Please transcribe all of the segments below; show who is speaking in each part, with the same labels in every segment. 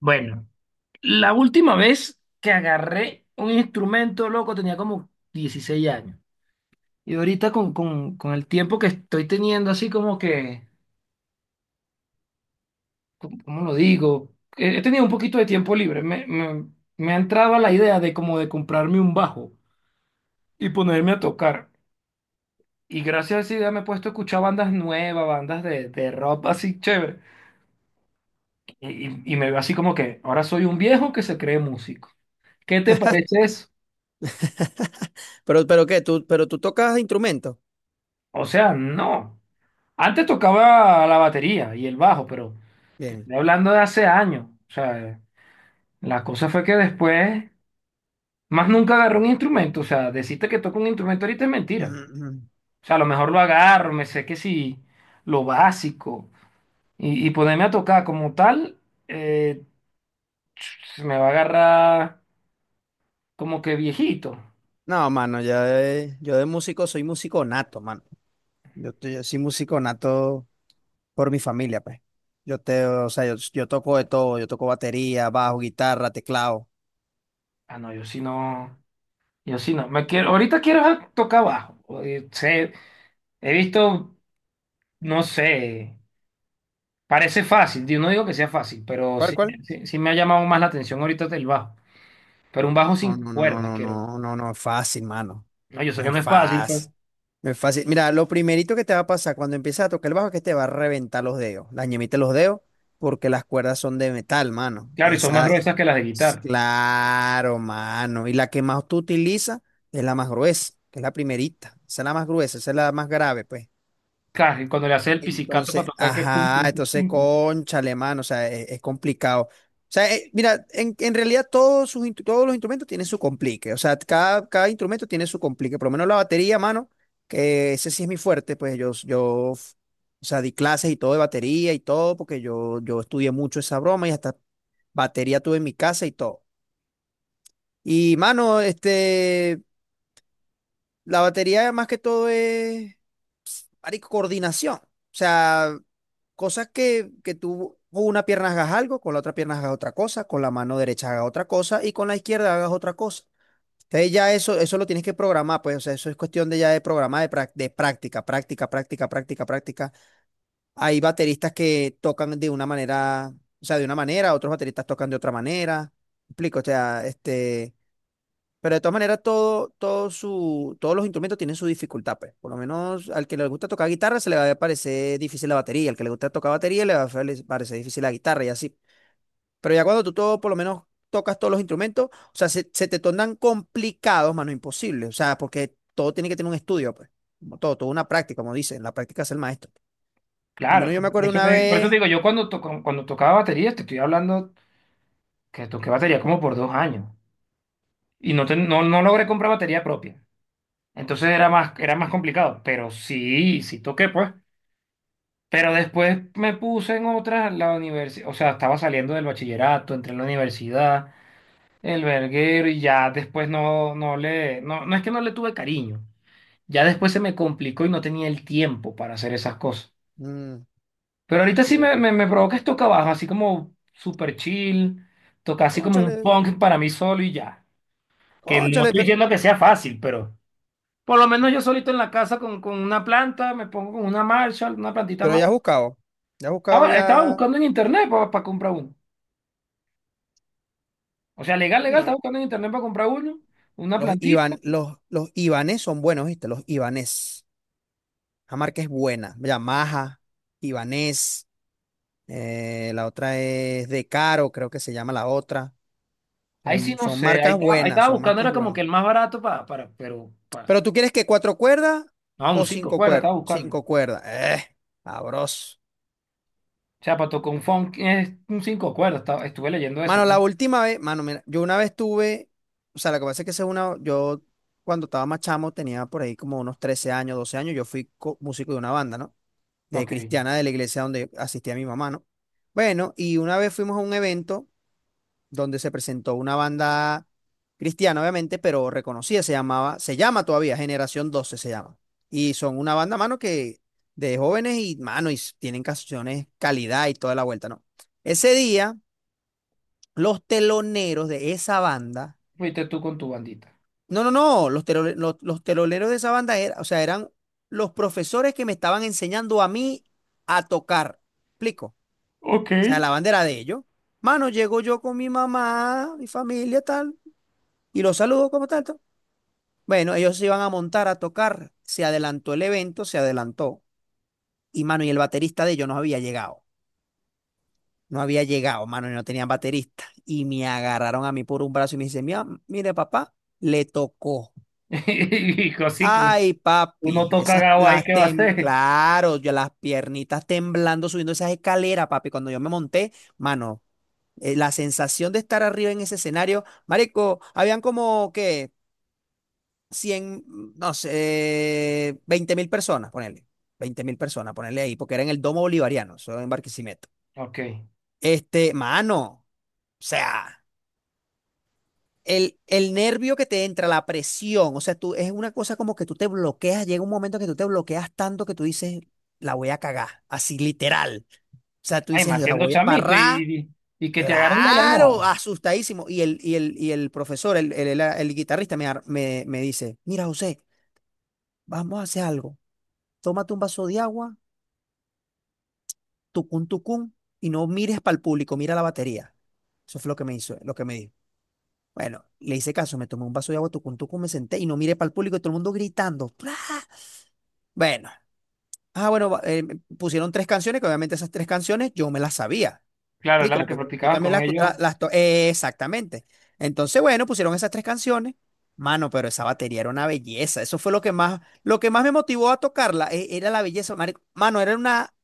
Speaker 1: Bueno, la última vez que agarré un instrumento, loco, tenía como 16 años. Y ahorita con el tiempo que estoy teniendo, así como que, ¿cómo lo digo? He tenido un poquito de tiempo libre. Me ha entrado la idea de como de comprarme un bajo y ponerme a tocar. Y gracias a esa idea me he puesto a escuchar bandas nuevas, bandas de rock así chévere. Y me veo así como que ahora soy un viejo que se cree músico. ¿Qué te parece eso?
Speaker 2: Pero tú tocas instrumentos.
Speaker 1: O sea, no. Antes tocaba la batería y el bajo, pero te
Speaker 2: Bien.
Speaker 1: estoy hablando de hace años. O sea, la cosa fue que después, más nunca agarré un instrumento. O sea, decirte que toco un instrumento ahorita es
Speaker 2: Mm,
Speaker 1: mentira.
Speaker 2: mm.
Speaker 1: O sea, a lo mejor lo agarro, me sé que sí, lo básico. Y ponerme a tocar como tal, eh, se me va a agarrar como que viejito.
Speaker 2: No, mano, yo de músico soy músico nato, mano. Yo soy músico nato por mi familia, pues. O sea, yo toco de todo, yo toco batería, bajo, guitarra, teclado.
Speaker 1: Ah, no, yo sí no, yo sí no. Me quiero, ahorita quiero tocar bajo. He visto, no sé. Parece fácil, yo no digo que sea fácil, pero
Speaker 2: ¿Cuál,
Speaker 1: sí,
Speaker 2: cuál?
Speaker 1: sí, sí me ha llamado más la atención ahorita el bajo. Pero un bajo sin
Speaker 2: No, no, no, no,
Speaker 1: cuerdas,
Speaker 2: no,
Speaker 1: quiero.
Speaker 2: no, no, no es fácil, mano.
Speaker 1: No, yo sé
Speaker 2: No
Speaker 1: que
Speaker 2: es
Speaker 1: no es fácil, pero
Speaker 2: fácil. No es fácil. Mira, lo primerito que te va a pasar cuando empiezas a tocar el bajo es que te va a reventar los dedos, la ñemita de los dedos, porque las cuerdas son de metal, mano.
Speaker 1: claro, y son más gruesas que las de guitarra.
Speaker 2: Claro, mano. Y la que más tú utilizas es la más gruesa, que es la primerita. Esa es la más gruesa, esa es la más grave, pues.
Speaker 1: Claro, y cuando le haces el pizzicato para
Speaker 2: Entonces,
Speaker 1: tocar que pum,
Speaker 2: ajá,
Speaker 1: pum, pum,
Speaker 2: entonces,
Speaker 1: pum, pum.
Speaker 2: cónchale, mano, o sea, es complicado. O sea, mira, en realidad todos los instrumentos tienen su complique, o sea, cada instrumento tiene su complique, por lo menos la batería, mano, que ese sí es mi fuerte, pues o sea, di clases y todo de batería y todo, porque yo estudié mucho esa broma y hasta batería tuve en mi casa y todo. Y, mano, este, la batería más que todo es, marico, coordinación. O sea, cosas que tú con una pierna hagas algo, con la otra pierna hagas otra cosa, con la mano derecha hagas otra cosa y con la izquierda hagas otra cosa. Entonces ya eso lo tienes que programar, pues, o sea, eso es cuestión de ya de programar, de práctica, práctica, práctica, práctica, práctica. Hay bateristas que tocan de una manera, o sea, de una manera, otros bateristas tocan de otra manera. ¿Me explico? O sea, este. Pero de todas maneras, todos los instrumentos tienen su dificultad, pues. Por lo menos al que le gusta tocar guitarra se le va a parecer difícil la batería, al que le gusta tocar batería le va a parecer difícil la guitarra y así. Pero ya cuando tú todo, por lo menos tocas todos los instrumentos, o sea, se te tornan complicados, mano, imposible. O sea, porque todo tiene que tener un estudio, pues. Como todo, toda una práctica, como dicen, la práctica es el maestro. Por lo
Speaker 1: Claro,
Speaker 2: menos yo me
Speaker 1: por
Speaker 2: acuerdo
Speaker 1: eso
Speaker 2: una
Speaker 1: te, por eso te
Speaker 2: vez.
Speaker 1: digo, cuando tocaba batería, te estoy hablando que toqué batería como por 2 años y no logré comprar batería propia. Entonces era más complicado, pero sí, sí toqué, pues. Pero después me puse en otras, la universidad, o sea, estaba saliendo del bachillerato, entré en la universidad, el verguero y ya después no, no le, no, no es que no le tuve cariño, ya después se me complicó y no tenía el tiempo para hacer esas cosas.
Speaker 2: mm,
Speaker 1: Pero ahorita
Speaker 2: sí,
Speaker 1: sí me, me, me provoca es toca baja, así como super chill, toca así como un
Speaker 2: cónchale,
Speaker 1: punk para mí solo y ya. Que no
Speaker 2: cónchale,
Speaker 1: estoy
Speaker 2: pero,
Speaker 1: diciendo que sea fácil, pero por lo menos yo solito en la casa con una planta, me pongo con una Marshall, una plantita
Speaker 2: pero
Speaker 1: más.
Speaker 2: ya has buscado, ya has buscado
Speaker 1: Estaba
Speaker 2: ya.
Speaker 1: buscando en internet para comprar uno. O sea, legal, legal,
Speaker 2: Coño,
Speaker 1: estaba buscando en internet para comprar uno, una
Speaker 2: Los
Speaker 1: plantita.
Speaker 2: Ivan, los, los Ibanés son buenos, ¿viste? Los Ibanés. La marca es buena. Ya Maja, Ibanés. La otra es De Caro, creo que se llama la otra.
Speaker 1: Ahí sí
Speaker 2: Son,
Speaker 1: no
Speaker 2: son
Speaker 1: sé, ahí
Speaker 2: marcas
Speaker 1: estaba, ahí
Speaker 2: buenas,
Speaker 1: estaba
Speaker 2: son
Speaker 1: buscando,
Speaker 2: marcas
Speaker 1: era como que
Speaker 2: buenas.
Speaker 1: el más barato para,
Speaker 2: Pero tú quieres que cuatro cuerdas
Speaker 1: no, un
Speaker 2: o
Speaker 1: cinco
Speaker 2: cinco
Speaker 1: cuerdas
Speaker 2: cuerdas.
Speaker 1: estaba buscando.
Speaker 2: Cinco
Speaker 1: O
Speaker 2: cuerdas. Sabroso.
Speaker 1: sea, para tocar un funk es un cinco cuerdas, estuve leyendo eso,
Speaker 2: Mano, la
Speaker 1: ¿no?
Speaker 2: última vez, mano, mira, yo una vez tuve, o sea, lo que pasa es que esa es una, yo cuando estaba más chamo tenía por ahí como unos 13 años, 12 años, yo fui músico de una banda, ¿no? De
Speaker 1: Ok,
Speaker 2: cristiana de la iglesia donde asistía mi mamá, ¿no? Bueno, y una vez fuimos a un evento donde se presentó una banda cristiana, obviamente, pero reconocida, se llamaba, se llama todavía Generación 12 se llama. Y son una banda, mano, que de jóvenes y, mano, tienen canciones calidad y toda la vuelta, ¿no? Ese día, los teloneros de esa banda.
Speaker 1: fuiste tú con tu bandita.
Speaker 2: No, no, no, los teloneros de esa banda era, o sea, eran los profesores que me estaban enseñando a mí a tocar. ¿Explico?
Speaker 1: Ok.
Speaker 2: Sea, la bandera de ellos. Mano, llego yo con mi mamá, mi familia, tal, y los saludo como tanto. Bueno, ellos se iban a montar a tocar, se adelantó el evento, se adelantó. Y mano, y el baterista de ellos no había llegado. No había llegado, mano, y no tenían baterista. Y me agarraron a mí por un brazo y me dicen, mira, mire, papá, le tocó.
Speaker 1: Y así, que
Speaker 2: Ay,
Speaker 1: uno
Speaker 2: papi,
Speaker 1: toca
Speaker 2: esas
Speaker 1: gao ahí,
Speaker 2: las
Speaker 1: ¿qué va a hacer?
Speaker 2: claro, yo las piernitas temblando subiendo esas escaleras, papi. Cuando yo me monté, mano, la sensación de estar arriba en ese escenario, marico, habían como que 100, no sé, 20.000 personas, ponele, 20.000 personas, ponele ahí, porque era en el Domo Bolivariano, eso en Barquisimeto.
Speaker 1: Ok.
Speaker 2: Este, mano, o sea, el nervio que te entra, la presión, o sea, tú, es una cosa como que tú te bloqueas, llega un momento que tú te bloqueas tanto que tú dices, la voy a cagar, así literal. O sea, tú
Speaker 1: Ay,
Speaker 2: dices,
Speaker 1: más
Speaker 2: la
Speaker 1: siendo
Speaker 2: voy a
Speaker 1: chamito
Speaker 2: embarrar.
Speaker 1: y que te agarran de la nada.
Speaker 2: Claro, asustadísimo. Y el profesor, el guitarrista, me dice, mira, José, vamos a hacer algo. Tómate un vaso de agua, tucún, tucún, y no mires para el público, mira la batería. Eso fue lo que me hizo, lo que me dijo. Bueno, le hice caso, me tomé un vaso de agua, tucún, tucún, me senté y no miré para el público y todo el mundo gritando. ¡Pra! Bueno, ah, pusieron tres canciones, que obviamente esas tres canciones yo me las sabía.
Speaker 1: Claro, era
Speaker 2: Explico,
Speaker 1: lo que
Speaker 2: porque yo
Speaker 1: practicabas
Speaker 2: también
Speaker 1: con
Speaker 2: las, escu-
Speaker 1: ellos.
Speaker 2: la- las to- exactamente. Entonces, bueno, pusieron esas tres canciones. Mano, pero esa batería era una belleza. Eso fue lo que más me motivó a tocarla, era la belleza. Marico. Mano, era una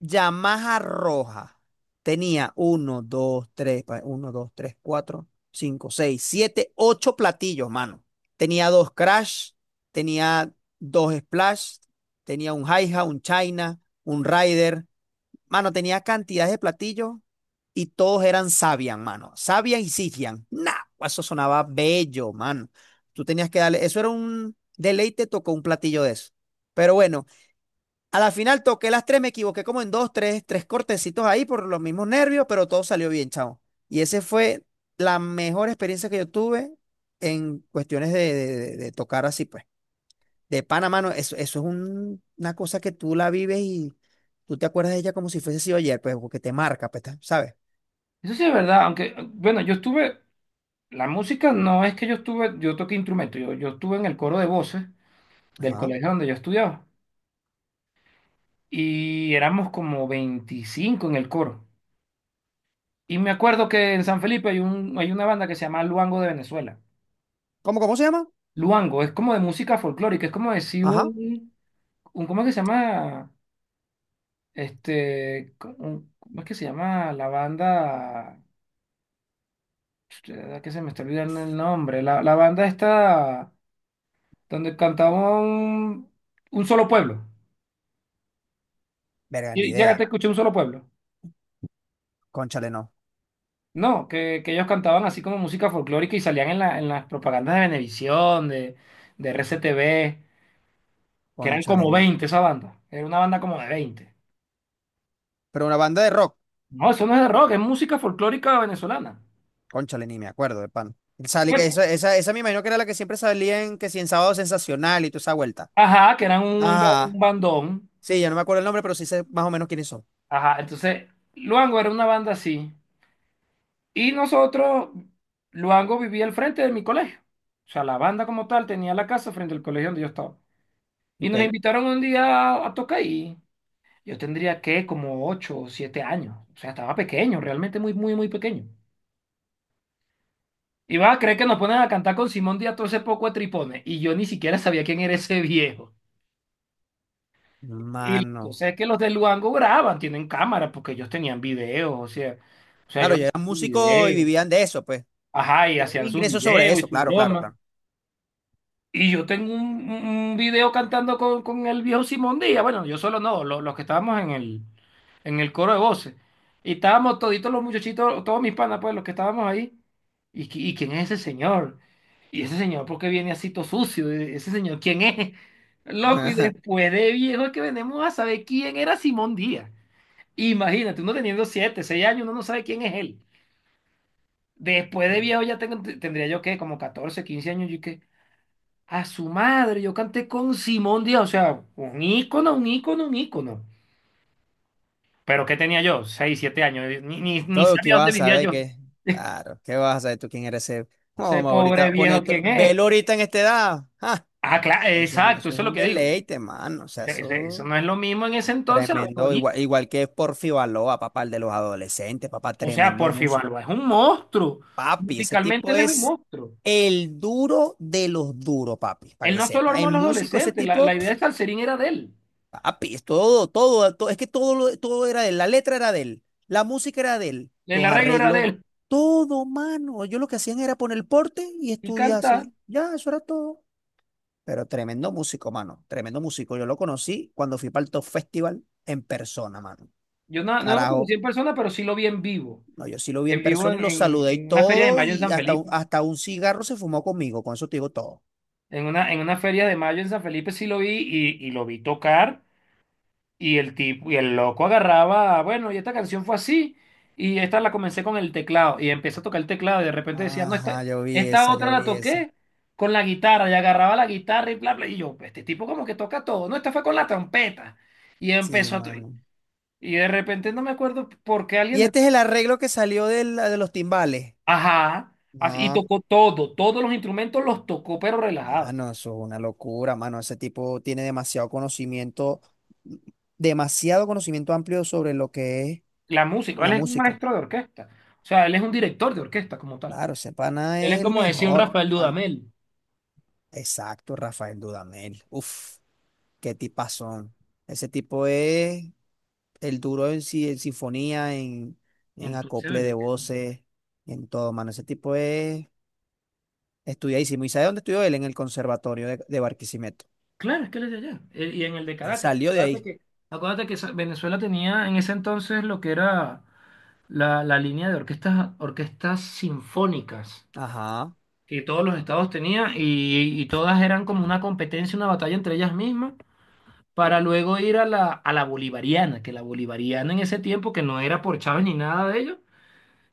Speaker 2: Yamaha roja. Tenía uno, dos, tres, cuatro, cinco, seis, siete, ocho platillos, mano. Tenía dos crash, tenía dos splash, tenía un hi-hat, un China, un rider. Mano, tenía cantidades de platillos y todos eran Sabian, mano. Sabian y Sifian. Nah, eso sonaba bello, mano. Tú tenías que darle, eso era un deleite, tocó un platillo de eso. Pero bueno, a la final toqué las tres, me equivoqué como en dos, tres cortecitos ahí por los mismos nervios, pero todo salió bien, chao. Y esa fue la mejor experiencia que yo tuve en cuestiones de, de tocar así, pues. De Panamá, no, eso es una cosa que tú la vives y tú te acuerdas de ella como si fuese sido ayer, pues, porque te marca, pues, ¿sabes?
Speaker 1: Eso sí es verdad, aunque, bueno, yo estuve la música no es que yo estuve, yo toqué instrumento, yo estuve en el coro de voces del
Speaker 2: Ajá.
Speaker 1: colegio donde yo estudiaba y éramos como 25 en el coro. Y me acuerdo que en San Felipe hay una banda que se llama Luango de Venezuela.
Speaker 2: ¿Cómo se llama?
Speaker 1: Luango es como de música folclórica, es como decir
Speaker 2: Ajá.
Speaker 1: un ¿cómo es que se llama? ¿Cómo es que se llama la banda? Que se me está olvidando el nombre. La banda está donde cantaba un solo pueblo.
Speaker 2: Verga, ni
Speaker 1: Y llegaste a
Speaker 2: idea.
Speaker 1: escuchar un solo pueblo.
Speaker 2: Cónchale, no.
Speaker 1: No, que ellos cantaban así como música folclórica y salían en las propagandas de Venevisión, de RCTV, que eran
Speaker 2: Cónchale,
Speaker 1: como
Speaker 2: ni.
Speaker 1: 20 esa banda. Era una banda como de 20.
Speaker 2: Pero una banda de rock.
Speaker 1: No, eso no es de rock, es música folclórica venezolana.
Speaker 2: Cónchale, ni me acuerdo de pan. Salí, que
Speaker 1: Bueno,
Speaker 2: esa me imagino que era la que siempre salía en que si en Sábado Sensacional y toda esa vuelta.
Speaker 1: ajá, que eran un
Speaker 2: Ajá.
Speaker 1: bandón.
Speaker 2: Sí, ya no me acuerdo el nombre, pero sí sé más o menos quiénes son.
Speaker 1: Ajá, entonces Luango era una banda así. Y nosotros, Luango vivía al frente de mi colegio. O sea, la banda como tal tenía la casa frente al colegio donde yo estaba. Y nos
Speaker 2: Ok.
Speaker 1: invitaron un día a tocar ahí. Yo tendría que como 8 o 7 años. O sea, estaba pequeño, realmente muy, muy, muy pequeño. Y vas a creer que nos ponen a cantar con Simón Díaz todo ese poco de tripones. Y yo ni siquiera sabía quién era ese viejo. Y la
Speaker 2: Mano.
Speaker 1: cosa es que los de Luango graban, tienen cámara, porque ellos tenían videos, o sea,
Speaker 2: Claro,
Speaker 1: ellos
Speaker 2: yo era
Speaker 1: hacían sus
Speaker 2: músico y
Speaker 1: videos.
Speaker 2: vivían de eso, pues.
Speaker 1: Ajá, y
Speaker 2: Tenía un
Speaker 1: hacían sus
Speaker 2: ingreso sobre
Speaker 1: videos
Speaker 2: eso,
Speaker 1: y su
Speaker 2: claro, claro,
Speaker 1: broma.
Speaker 2: claro.
Speaker 1: Y yo tengo un video cantando con el viejo Simón Díaz. Bueno, yo solo no, los, que estábamos en el coro de voces. Y estábamos toditos los muchachitos, todos mis panas, pues, los que estábamos ahí. ¿Y quién es ese señor? ¿Y ese señor por qué viene así todo sucio? ¿Ese señor quién es? Loco, y después de viejo es que venimos a saber quién era Simón Díaz. Imagínate, uno teniendo 7, 6 años, uno no sabe quién es él. Después de viejo ya tendría yo, ¿qué? Como 14, 15 años, ¿y qué? A su madre, yo canté con Simón Díaz, o sea, un ícono, un ícono, un ícono. Pero ¿qué tenía yo? 6, 7 años, ni
Speaker 2: Todo que
Speaker 1: sabía
Speaker 2: vas
Speaker 1: dónde
Speaker 2: a
Speaker 1: vivía
Speaker 2: saber
Speaker 1: yo.
Speaker 2: que, claro, ¿qué vas a saber tú quién eres ese? No,
Speaker 1: Ese
Speaker 2: mamá,
Speaker 1: pobre
Speaker 2: ahorita,
Speaker 1: viejo,
Speaker 2: pone,
Speaker 1: ¿quién es?
Speaker 2: velo ahorita en esta edad. Ah,
Speaker 1: Ah, claro,
Speaker 2: pues Eso,
Speaker 1: exacto,
Speaker 2: eso es
Speaker 1: eso es lo
Speaker 2: un
Speaker 1: que digo.
Speaker 2: deleite, mano. O
Speaker 1: O
Speaker 2: sea,
Speaker 1: sea, eso
Speaker 2: eso
Speaker 1: no es lo mismo en ese entonces, lo mejor
Speaker 2: tremendo. Igual,
Speaker 1: ahorita.
Speaker 2: igual que Porfi Baloa, papá, el de los adolescentes, papá,
Speaker 1: O sea,
Speaker 2: tremendo
Speaker 1: Porfi
Speaker 2: músico.
Speaker 1: Balba es un monstruo.
Speaker 2: Papi, ese
Speaker 1: Musicalmente
Speaker 2: tipo
Speaker 1: él es un
Speaker 2: es
Speaker 1: monstruo.
Speaker 2: el duro de los duros, papi, para
Speaker 1: Él
Speaker 2: que
Speaker 1: no solo
Speaker 2: sepa.
Speaker 1: armó a
Speaker 2: En
Speaker 1: los
Speaker 2: músico, ese
Speaker 1: adolescentes, la
Speaker 2: tipo.
Speaker 1: idea de Salserín era de él.
Speaker 2: Papi, es todo, todo, todo, es que todo, todo era de él, la letra era de él, la música era de él,
Speaker 1: El
Speaker 2: los
Speaker 1: arreglo era de
Speaker 2: arreglos,
Speaker 1: él.
Speaker 2: todo, mano. Yo lo que hacían era poner el porte y
Speaker 1: Y canta,
Speaker 2: estudiarse. Ya, eso era todo. Pero tremendo músico, mano, tremendo músico. Yo lo conocí cuando fui para el Top Festival en persona, mano.
Speaker 1: yo no lo
Speaker 2: Carajo,
Speaker 1: conocí en persona, pero sí lo vi en vivo.
Speaker 2: no, yo sí lo vi en
Speaker 1: En vivo
Speaker 2: persona y
Speaker 1: en,
Speaker 2: lo
Speaker 1: en-
Speaker 2: saludé y
Speaker 1: en una feria de
Speaker 2: todo,
Speaker 1: mayo en
Speaker 2: y
Speaker 1: San
Speaker 2: hasta, un-
Speaker 1: Felipe.
Speaker 2: hasta un cigarro se fumó conmigo, con eso te digo todo.
Speaker 1: En una feria de mayo en San Felipe sí lo vi y lo vi tocar y el tipo y el loco agarraba, bueno, y esta canción fue así y esta la comencé con el teclado y empecé a tocar el teclado y de repente decía, no, esta,
Speaker 2: Ajá, yo vi
Speaker 1: esta
Speaker 2: esa,
Speaker 1: otra
Speaker 2: yo
Speaker 1: la
Speaker 2: vi esa.
Speaker 1: toqué con la guitarra y agarraba la guitarra y bla, bla, y yo, este tipo como que toca todo, no, esta fue con la trompeta y
Speaker 2: Sí,
Speaker 1: empezó a…
Speaker 2: mano.
Speaker 1: Y de repente no me acuerdo por qué alguien
Speaker 2: Y
Speaker 1: del…
Speaker 2: este es el arreglo que salió de los timbales.
Speaker 1: Y
Speaker 2: No,
Speaker 1: tocó todo, todos los instrumentos los tocó pero relajado.
Speaker 2: mano, eso es una locura, mano. Ese tipo tiene demasiado conocimiento amplio sobre lo que es
Speaker 1: La música,
Speaker 2: la
Speaker 1: él es un
Speaker 2: música.
Speaker 1: maestro de orquesta, o sea, él es un director de orquesta como tal.
Speaker 2: Claro, ese pana
Speaker 1: Él es
Speaker 2: es el
Speaker 1: como decía un
Speaker 2: mejor,
Speaker 1: Rafael
Speaker 2: mano.
Speaker 1: Dudamel.
Speaker 2: Exacto, Rafael Dudamel. Uf, qué tipazón. Ese tipo es el duro en, si- en sinfonía, en
Speaker 1: Entonces,
Speaker 2: acople de voces, en todo, mano. Ese tipo es estudiadísimo. ¿Y sabe dónde estudió él? En el conservatorio de Barquisimeto.
Speaker 1: claro, es que él es de allá, y en el de
Speaker 2: Él
Speaker 1: Caracas.
Speaker 2: salió de
Speaker 1: Acuérdate
Speaker 2: ahí.
Speaker 1: que, acuérdate que Venezuela tenía en ese entonces lo que era la línea de orquestas, orquestas sinfónicas
Speaker 2: Ajá.
Speaker 1: que todos los estados tenían y todas eran como una competencia, una batalla entre ellas mismas. Para luego ir a la bolivariana, que la bolivariana en ese tiempo, que no era por Chávez ni nada de ello,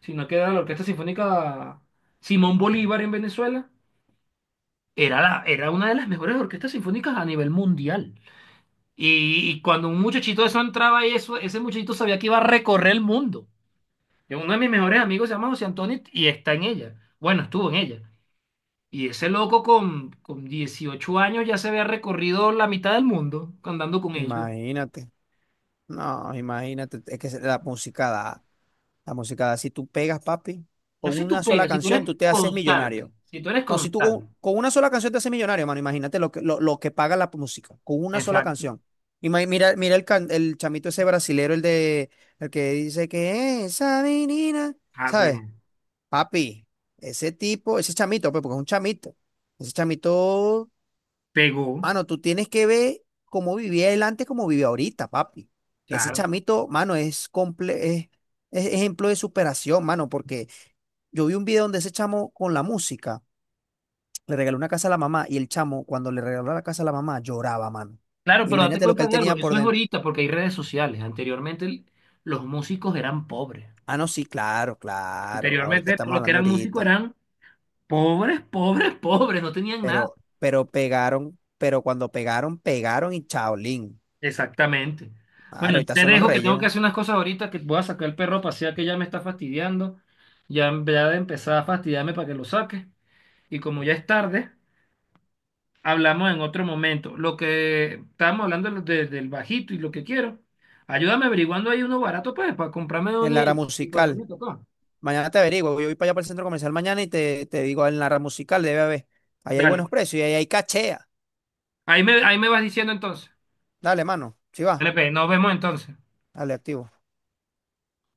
Speaker 1: sino que era la Orquesta Sinfónica Simón Bolívar en Venezuela. Era una de las mejores orquestas sinfónicas a nivel mundial. Y cuando un muchachito de eso entraba ahí, eso, ese muchachito sabía que iba a recorrer el mundo. Y uno de mis mejores amigos se llama José Antonio y está en ella. Bueno, estuvo en ella. Y ese loco con 18 años ya se había recorrido la mitad del mundo andando con ellos.
Speaker 2: Imagínate, no, imagínate, es que la música da, si tú pegas, papi,
Speaker 1: No
Speaker 2: con
Speaker 1: sé si tú
Speaker 2: una sola
Speaker 1: pegas, si tú eres
Speaker 2: canción tú te haces
Speaker 1: constante,
Speaker 2: millonario.
Speaker 1: si tú eres
Speaker 2: No, si tú
Speaker 1: constante.
Speaker 2: con una sola canción te haces millonario, mano, imagínate lo que, lo que paga la música, con una sola
Speaker 1: Exacto.
Speaker 2: canción. Mira el chamito ese brasilero, el que dice que esa menina,
Speaker 1: Ah, pues,
Speaker 2: ¿sabes? Papi, ese tipo, ese chamito, pues, porque es un chamito, ese chamito.
Speaker 1: pegó,
Speaker 2: Mano, tú tienes que ver cómo vivía él antes, cómo vive ahorita, papi. Ese
Speaker 1: claro.
Speaker 2: chamito, mano, es, es ejemplo de superación, mano, porque yo vi un video donde ese chamo con la música le regaló una casa a la mamá y el chamo, cuando le regaló la casa a la mamá, lloraba, mano.
Speaker 1: Claro, pero date
Speaker 2: Imagínate lo que
Speaker 1: cuenta
Speaker 2: él
Speaker 1: de algo,
Speaker 2: tenía por
Speaker 1: eso es
Speaker 2: dentro.
Speaker 1: ahorita porque hay redes sociales. Anteriormente los músicos eran pobres.
Speaker 2: Ah, no, sí, claro, claro. Ahorita
Speaker 1: Anteriormente
Speaker 2: estamos
Speaker 1: los que
Speaker 2: hablando
Speaker 1: eran músicos
Speaker 2: ahorita.
Speaker 1: eran pobres, pobres, pobres, no tenían nada.
Speaker 2: Pero pegaron, pero cuando pegaron, pegaron y chaolín.
Speaker 1: Exactamente.
Speaker 2: Claro,
Speaker 1: Bueno,
Speaker 2: ahorita
Speaker 1: te
Speaker 2: son los
Speaker 1: dejo que
Speaker 2: reyes,
Speaker 1: tengo que
Speaker 2: ¿no?
Speaker 1: hacer unas cosas ahorita, que voy a sacar el perro a pasear que ya me está fastidiando. Ya, ya de empezar a fastidiarme para que lo saque. Y como ya es tarde, hablamos en otro momento. Lo que estábamos hablando del bajito y lo que quiero. Ayúdame averiguando ahí uno barato pues, para comprarme
Speaker 2: En
Speaker 1: uno
Speaker 2: la era
Speaker 1: y
Speaker 2: musical.
Speaker 1: ponerme a tocar.
Speaker 2: Mañana te averiguo. Yo voy para allá para el centro comercial mañana y te digo en la rama musical, debe haber. Ahí hay
Speaker 1: Dale.
Speaker 2: buenos
Speaker 1: Bueno.
Speaker 2: precios y ahí hay cachea.
Speaker 1: Ahí me vas diciendo entonces.
Speaker 2: Dale, mano. Si va.
Speaker 1: LP nos vemos entonces.
Speaker 2: Dale, activo.